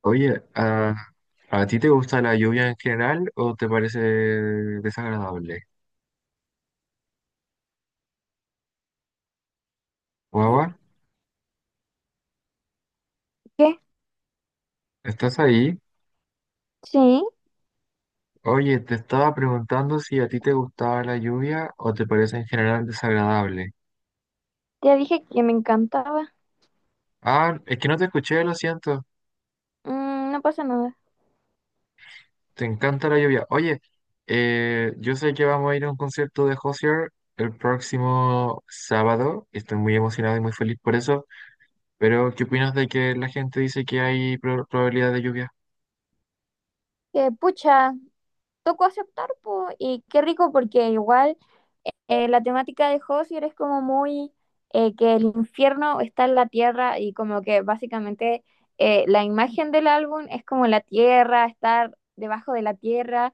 Oye, ¿a ti te gusta la lluvia en general o te parece desagradable? Yo Guagua, dije, ¿estás ahí? sí, Oye, te estaba preguntando si a ti te gustaba la lluvia o te parece en general desagradable. ya dije que me encantaba. Ah, es que no te escuché, lo siento. Mm, no pasa nada. Te encanta la lluvia. Oye, yo sé que vamos a ir a un concierto de Hozier el próximo sábado. Estoy muy emocionado y muy feliz por eso. Pero, ¿qué opinas de que la gente dice que hay probabilidad de lluvia? Que pucha, tocó aceptar, po, y qué rico porque igual la temática de Hozier es como muy que el infierno está en la tierra y como que básicamente la imagen del álbum es como la tierra, estar debajo de la tierra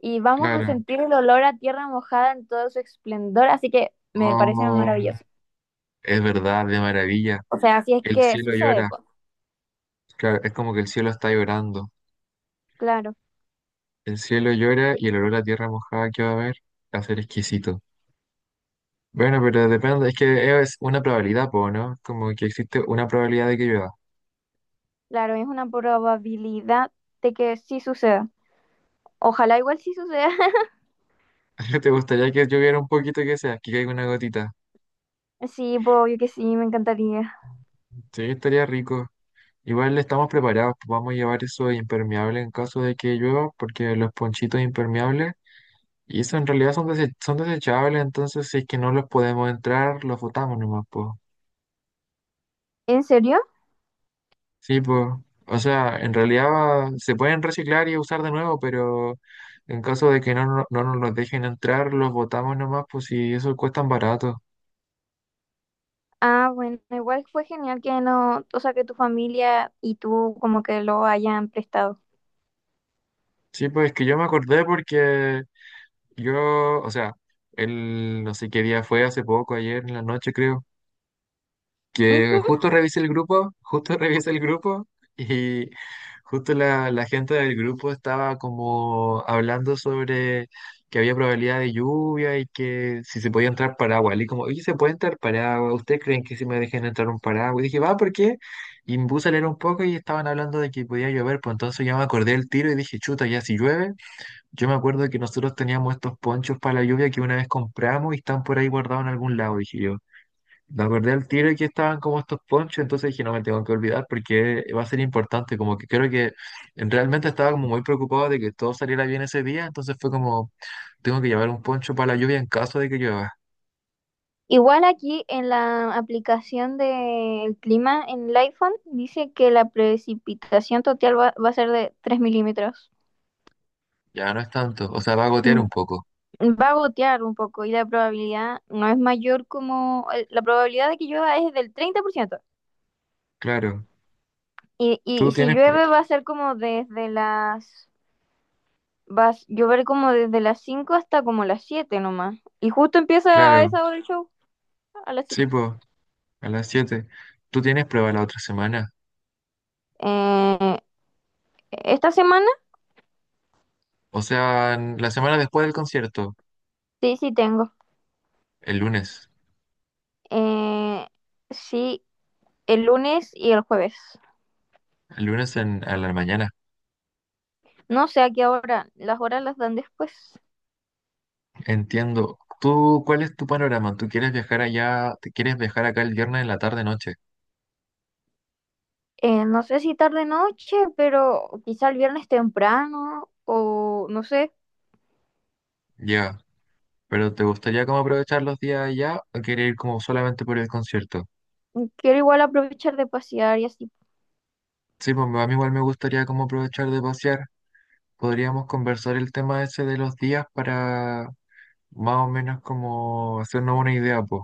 y vamos a Claro. sentir el olor a tierra mojada en todo su esplendor, así que me parece Oh. maravilloso. Es verdad, de maravilla. O sea, así es El que cielo sucede, llora. pues. Claro, es como que el cielo está llorando. Claro. El cielo llora y el olor a tierra mojada que va a haber va a ser exquisito. Bueno, pero depende, es que es una probabilidad, po, ¿no? Como que existe una probabilidad de que llueva. Claro, es una probabilidad de que sí suceda. Ojalá igual sí suceda. ¿Te gustaría que lloviera un poquito que sea, que caiga una gotita? Sí, pues, obvio que sí, me encantaría. Sí, estaría rico. Igual estamos preparados, pues vamos a llevar eso de impermeable en caso de que llueva, porque los ponchitos impermeables, y eso en realidad son, son desechables, entonces si es que no los podemos entrar, los botamos nomás, pues. ¿En serio? Sí, pues, o sea, en realidad se pueden reciclar y usar de nuevo, pero en caso de que no nos los dejen entrar, los botamos nomás, pues y eso cuesta barato. Ah, bueno, igual fue genial que no, o sea, que tu familia y tú como que lo hayan prestado. Sí, pues es que yo me acordé porque yo, o sea, el no sé qué día fue, hace poco, ayer en la noche creo. Que Ujú. justo revisé el grupo, justo revisé el grupo y justo la gente del grupo estaba como hablando sobre que había probabilidad de lluvia y que si se podía entrar paraguas. Y como, oye, ¿se puede entrar paraguas? ¿Ustedes creen que si me dejen entrar un paraguas? Y dije, va, ¿por qué? Y me puse a leer un poco y estaban hablando de que podía llover, pues entonces ya me acordé del tiro y dije, chuta, ya si llueve. Yo me acuerdo que nosotros teníamos estos ponchos para la lluvia que una vez compramos y están por ahí guardados en algún lado, dije yo. Me acordé al tiro que estaban como estos ponchos, entonces dije, no me tengo que olvidar porque va a ser importante, como que creo que realmente estaba como muy preocupado de que todo saliera bien ese día, entonces fue como, tengo que llevar un poncho para la lluvia en caso de que llueva, Igual aquí en la aplicación del clima en el iPhone dice que la precipitación total va a ser de 3 milímetros. ya no es tanto, o sea, va a gotear Mm. un poco, Va a gotear un poco y la probabilidad no es mayor como, la probabilidad de que llueva es del 30%. claro, Y, tú y si tienes, prue- llueve va a ser como desde las... Va a llover como desde las 5 hasta como las 7 nomás. Y justo empieza a claro, esa hora el show, a las sí, siete. pues, a las 7 tú tienes prueba la otra semana, Eh, ¿Esta semana? o sea, la semana después del concierto, Sí, sí tengo. el lunes, Eh, sí, el lunes y el jueves. el lunes en, a la mañana. No sé a qué hora, las horas las dan después. Entiendo. ¿Tú cuál es tu panorama? ¿Tú quieres viajar allá? ¿Te quieres viajar acá el viernes en la tarde noche? No sé si tarde noche, pero quizá el viernes temprano o no sé. Ya. ¿Pero te gustaría como aprovechar los días allá o quieres ir como solamente por el concierto? Quiero igual aprovechar de pasear y así. Sí, pues a mí igual me gustaría como aprovechar de pasear. Podríamos conversar el tema ese de los días para más o menos como hacernos una idea, pues.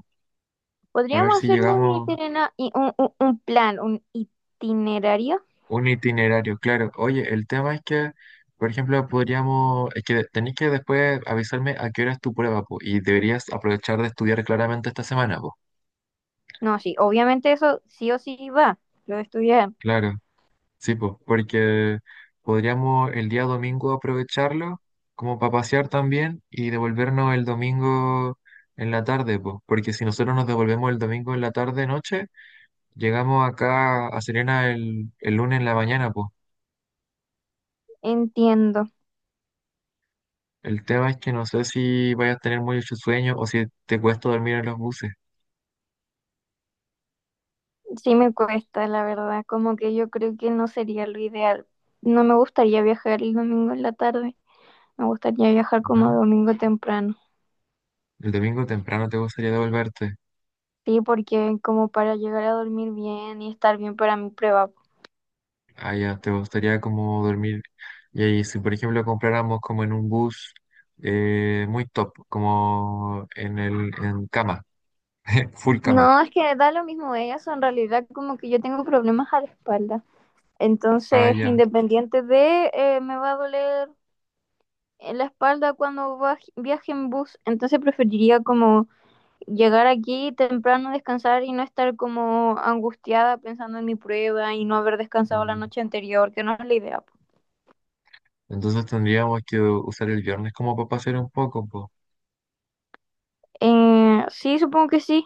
A ver Podríamos si hacernos un llegamos. itinerario, un plan, un itinerario. Un itinerario, claro. Oye, el tema es que, por ejemplo, podríamos, es que tenéis que después avisarme a qué hora es tu prueba, po, y deberías aprovechar de estudiar claramente esta semana, po. No, sí, obviamente eso sí o sí va, lo de estudiar. Claro, sí, pues, porque podríamos el día domingo aprovecharlo como para pasear también y devolvernos el domingo en la tarde, pues, porque si nosotros nos devolvemos el domingo en la tarde, noche, llegamos acá a Serena el lunes en la mañana, pues. Entiendo. El tema es que no sé si vayas a tener mucho sueño o si te cuesta dormir en los buses, Sí me cuesta, la verdad, como que yo creo que no sería lo ideal. No me gustaría viajar el domingo en la tarde. Me gustaría viajar como ¿no? domingo temprano. El domingo temprano te gustaría devolverte. Sí, porque como para llegar a dormir bien y estar bien para mi prueba. Allá te gustaría como dormir. Y ahí, si por ejemplo compráramos como en un bus muy top, como en el en cama, full cama. No, es que da lo mismo eso, en realidad como que yo tengo problemas a la espalda. Entonces, Allá. independiente de, me va a doler en la espalda cuando viaje en bus. Entonces, preferiría como llegar aquí temprano, descansar y no estar como angustiada pensando en mi prueba y no haber descansado la Mm. noche anterior, que no es la idea, po. Entonces tendríamos que usar el viernes como para pasear un poco, po. Sí, supongo que sí.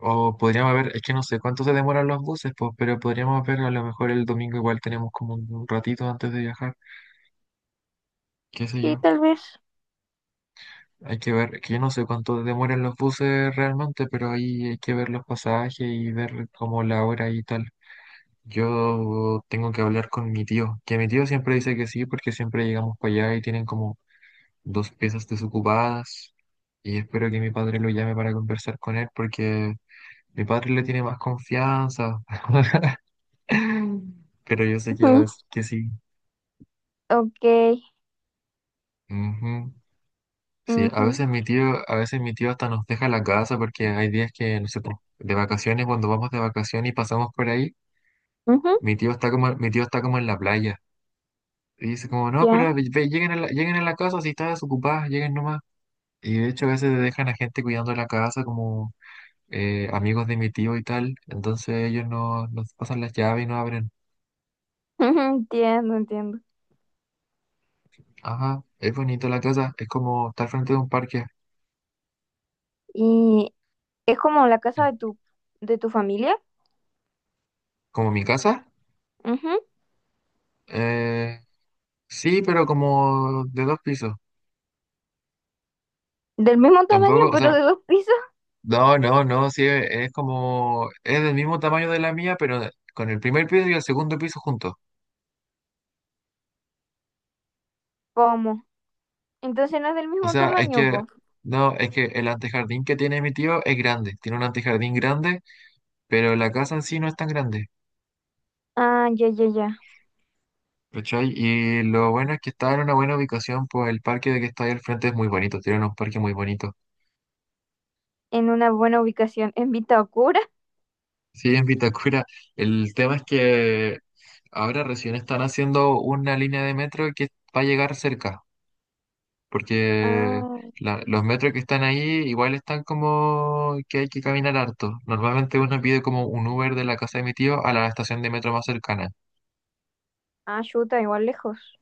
O podríamos ver, es que no sé cuánto se demoran los buses, pues, pero podríamos ver, a lo mejor el domingo igual tenemos como un ratito antes de viajar. Qué sé Sí, yo. tal vez. Hay que ver, que yo no sé cuánto demoran los buses realmente, pero ahí hay que ver los pasajes y ver como la hora y tal. Yo tengo que hablar con mi tío, que mi tío siempre dice que sí, porque siempre llegamos para allá y tienen como dos piezas desocupadas. Y espero que mi padre lo llame para conversar con él, porque mi padre le tiene más confianza. Pero yo sé que va a Ujú. decir que sí. Ok. Ujú. Sí, a Ujú. veces mi tío, a veces mi tío hasta nos deja la casa porque hay días que, no sé, po, de vacaciones, cuando vamos de vacaciones y pasamos por ahí, Ujú. mi tío está como, mi tío está como en la playa. Y dice como, no, pero Ya. Ve, lleguen a lleguen a la casa, si están desocupadas, lleguen nomás. Y de hecho a veces dejan a gente cuidando la casa, como amigos de mi tío y tal. Entonces ellos no, nos pasan las llaves y no abren. Ujú, entiendo, entiendo. Ajá, es bonito la casa, es como estar frente de un parque. Y es como la casa de de tu familia. ¿Como mi casa? Ujú. Eh, sí, pero como de dos pisos. Del mismo tamaño, Tampoco, o pero de sea, dos pisos. no, no, no, sí, es como, es del mismo tamaño de la mía, pero con el primer piso y el segundo piso juntos. ¿Cómo? Entonces no es del O mismo sea, es tamaño que, vos. no, es que el antejardín que tiene mi tío es grande, tiene un antejardín grande, pero la casa en sí no es tan grande, Ah, ya, ya, ya. ¿cachai? Y lo bueno es que está en una buena ubicación, pues el parque de que está ahí al frente es muy bonito, tiene unos parques muy bonitos. En una buena ubicación. ¿En Vitacura? Sí, en Vitacura, el tema es que ahora recién están haciendo una línea de metro que va a llegar cerca. Porque Ah, los metros que están ahí igual están como que hay que caminar harto. Normalmente uno pide como un Uber de la casa de mi tío a la estación de metro más cercana. ah, chuta, igual lejos.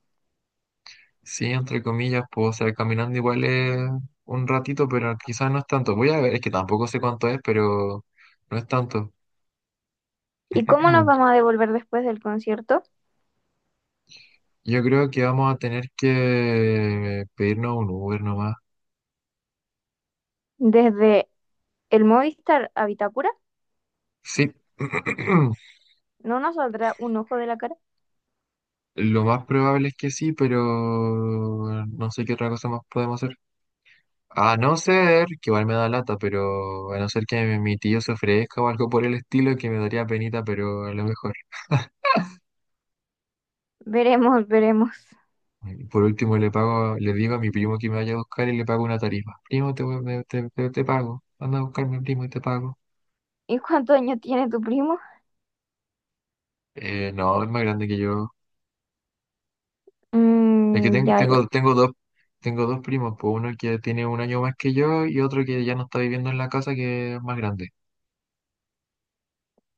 Sí, entre comillas, puedo ser caminando igual es un ratito, pero quizás no es tanto. Voy a ver, es que tampoco sé cuánto es, pero no es tanto. ¿Y cómo nos vamos a devolver después del concierto? Yo creo que vamos a tener que pedirnos un Uber nomás. ¿Desde el Movistar a Vitacura? Sí. ¿No nos saldrá un ojo de la cara? Lo más probable es que sí, pero no sé qué otra cosa más podemos hacer. A no ser, que igual me da lata, pero a no ser que mi tío se ofrezca o algo por el estilo, que me daría penita, pero a lo mejor. Veremos, veremos. Y por último, le pago, le digo a mi primo que me vaya a buscar y le pago una tarifa. Primo, te, te pago. Anda a buscarme, primo, y te pago. ¿Y cuántos años tiene tu primo? No, es más grande que yo. Es que Mm, ya, ya. Tengo dos primos, pues uno que tiene un año más que yo y otro que ya no está viviendo en la casa, que es más grande.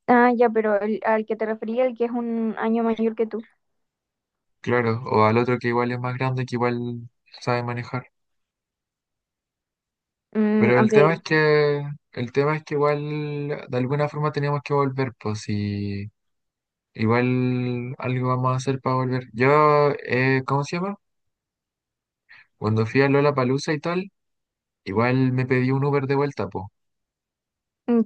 Ah, ya, pero al que te refería, el que es un año mayor que tú. Claro, o al otro que igual es más grande, que igual sabe manejar. Mm, Pero ok, el tema es que igual de alguna forma teníamos que volver, pues si igual algo vamos a hacer para volver. Yo, ¿cómo se llama? Cuando fui a Lollapalooza y tal, igual me pedí un Uber de vuelta, pues.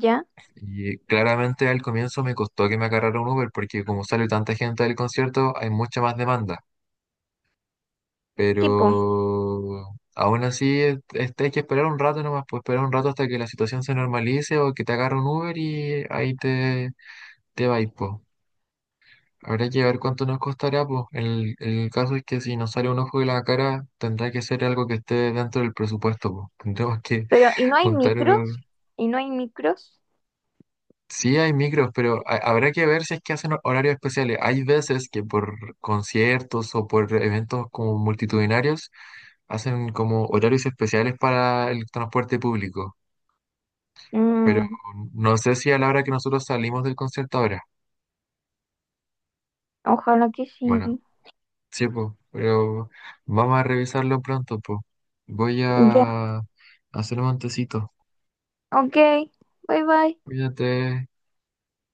ya. Y claramente al comienzo me costó que me agarrara un Uber porque como sale tanta gente del concierto, hay mucha más demanda. Pero Tipo, aún así, hay que esperar un rato nomás, pues esperar un rato hasta que la situación se normalice o que te agarre un Uber y ahí te, te va. Habrá que ver cuánto nos costará, pues. El caso es que si nos sale un ojo de la cara, tendrá que ser algo que esté dentro del presupuesto, pues. Tendremos que pero ¿y no hay juntar. micros? ¿Y no hay micros? Sí, hay micros, pero habrá que ver si es que hacen horarios especiales. Hay veces que por conciertos o por eventos como multitudinarios hacen como horarios especiales para el transporte público, pero Mm, no sé si a la hora que nosotros salimos del concierto ahora. ojalá que Bueno, sí. sí, po, pero vamos a revisarlo pronto, po. Voy Ya. a hacer un montecito. Ok, bye bye. Cuídate.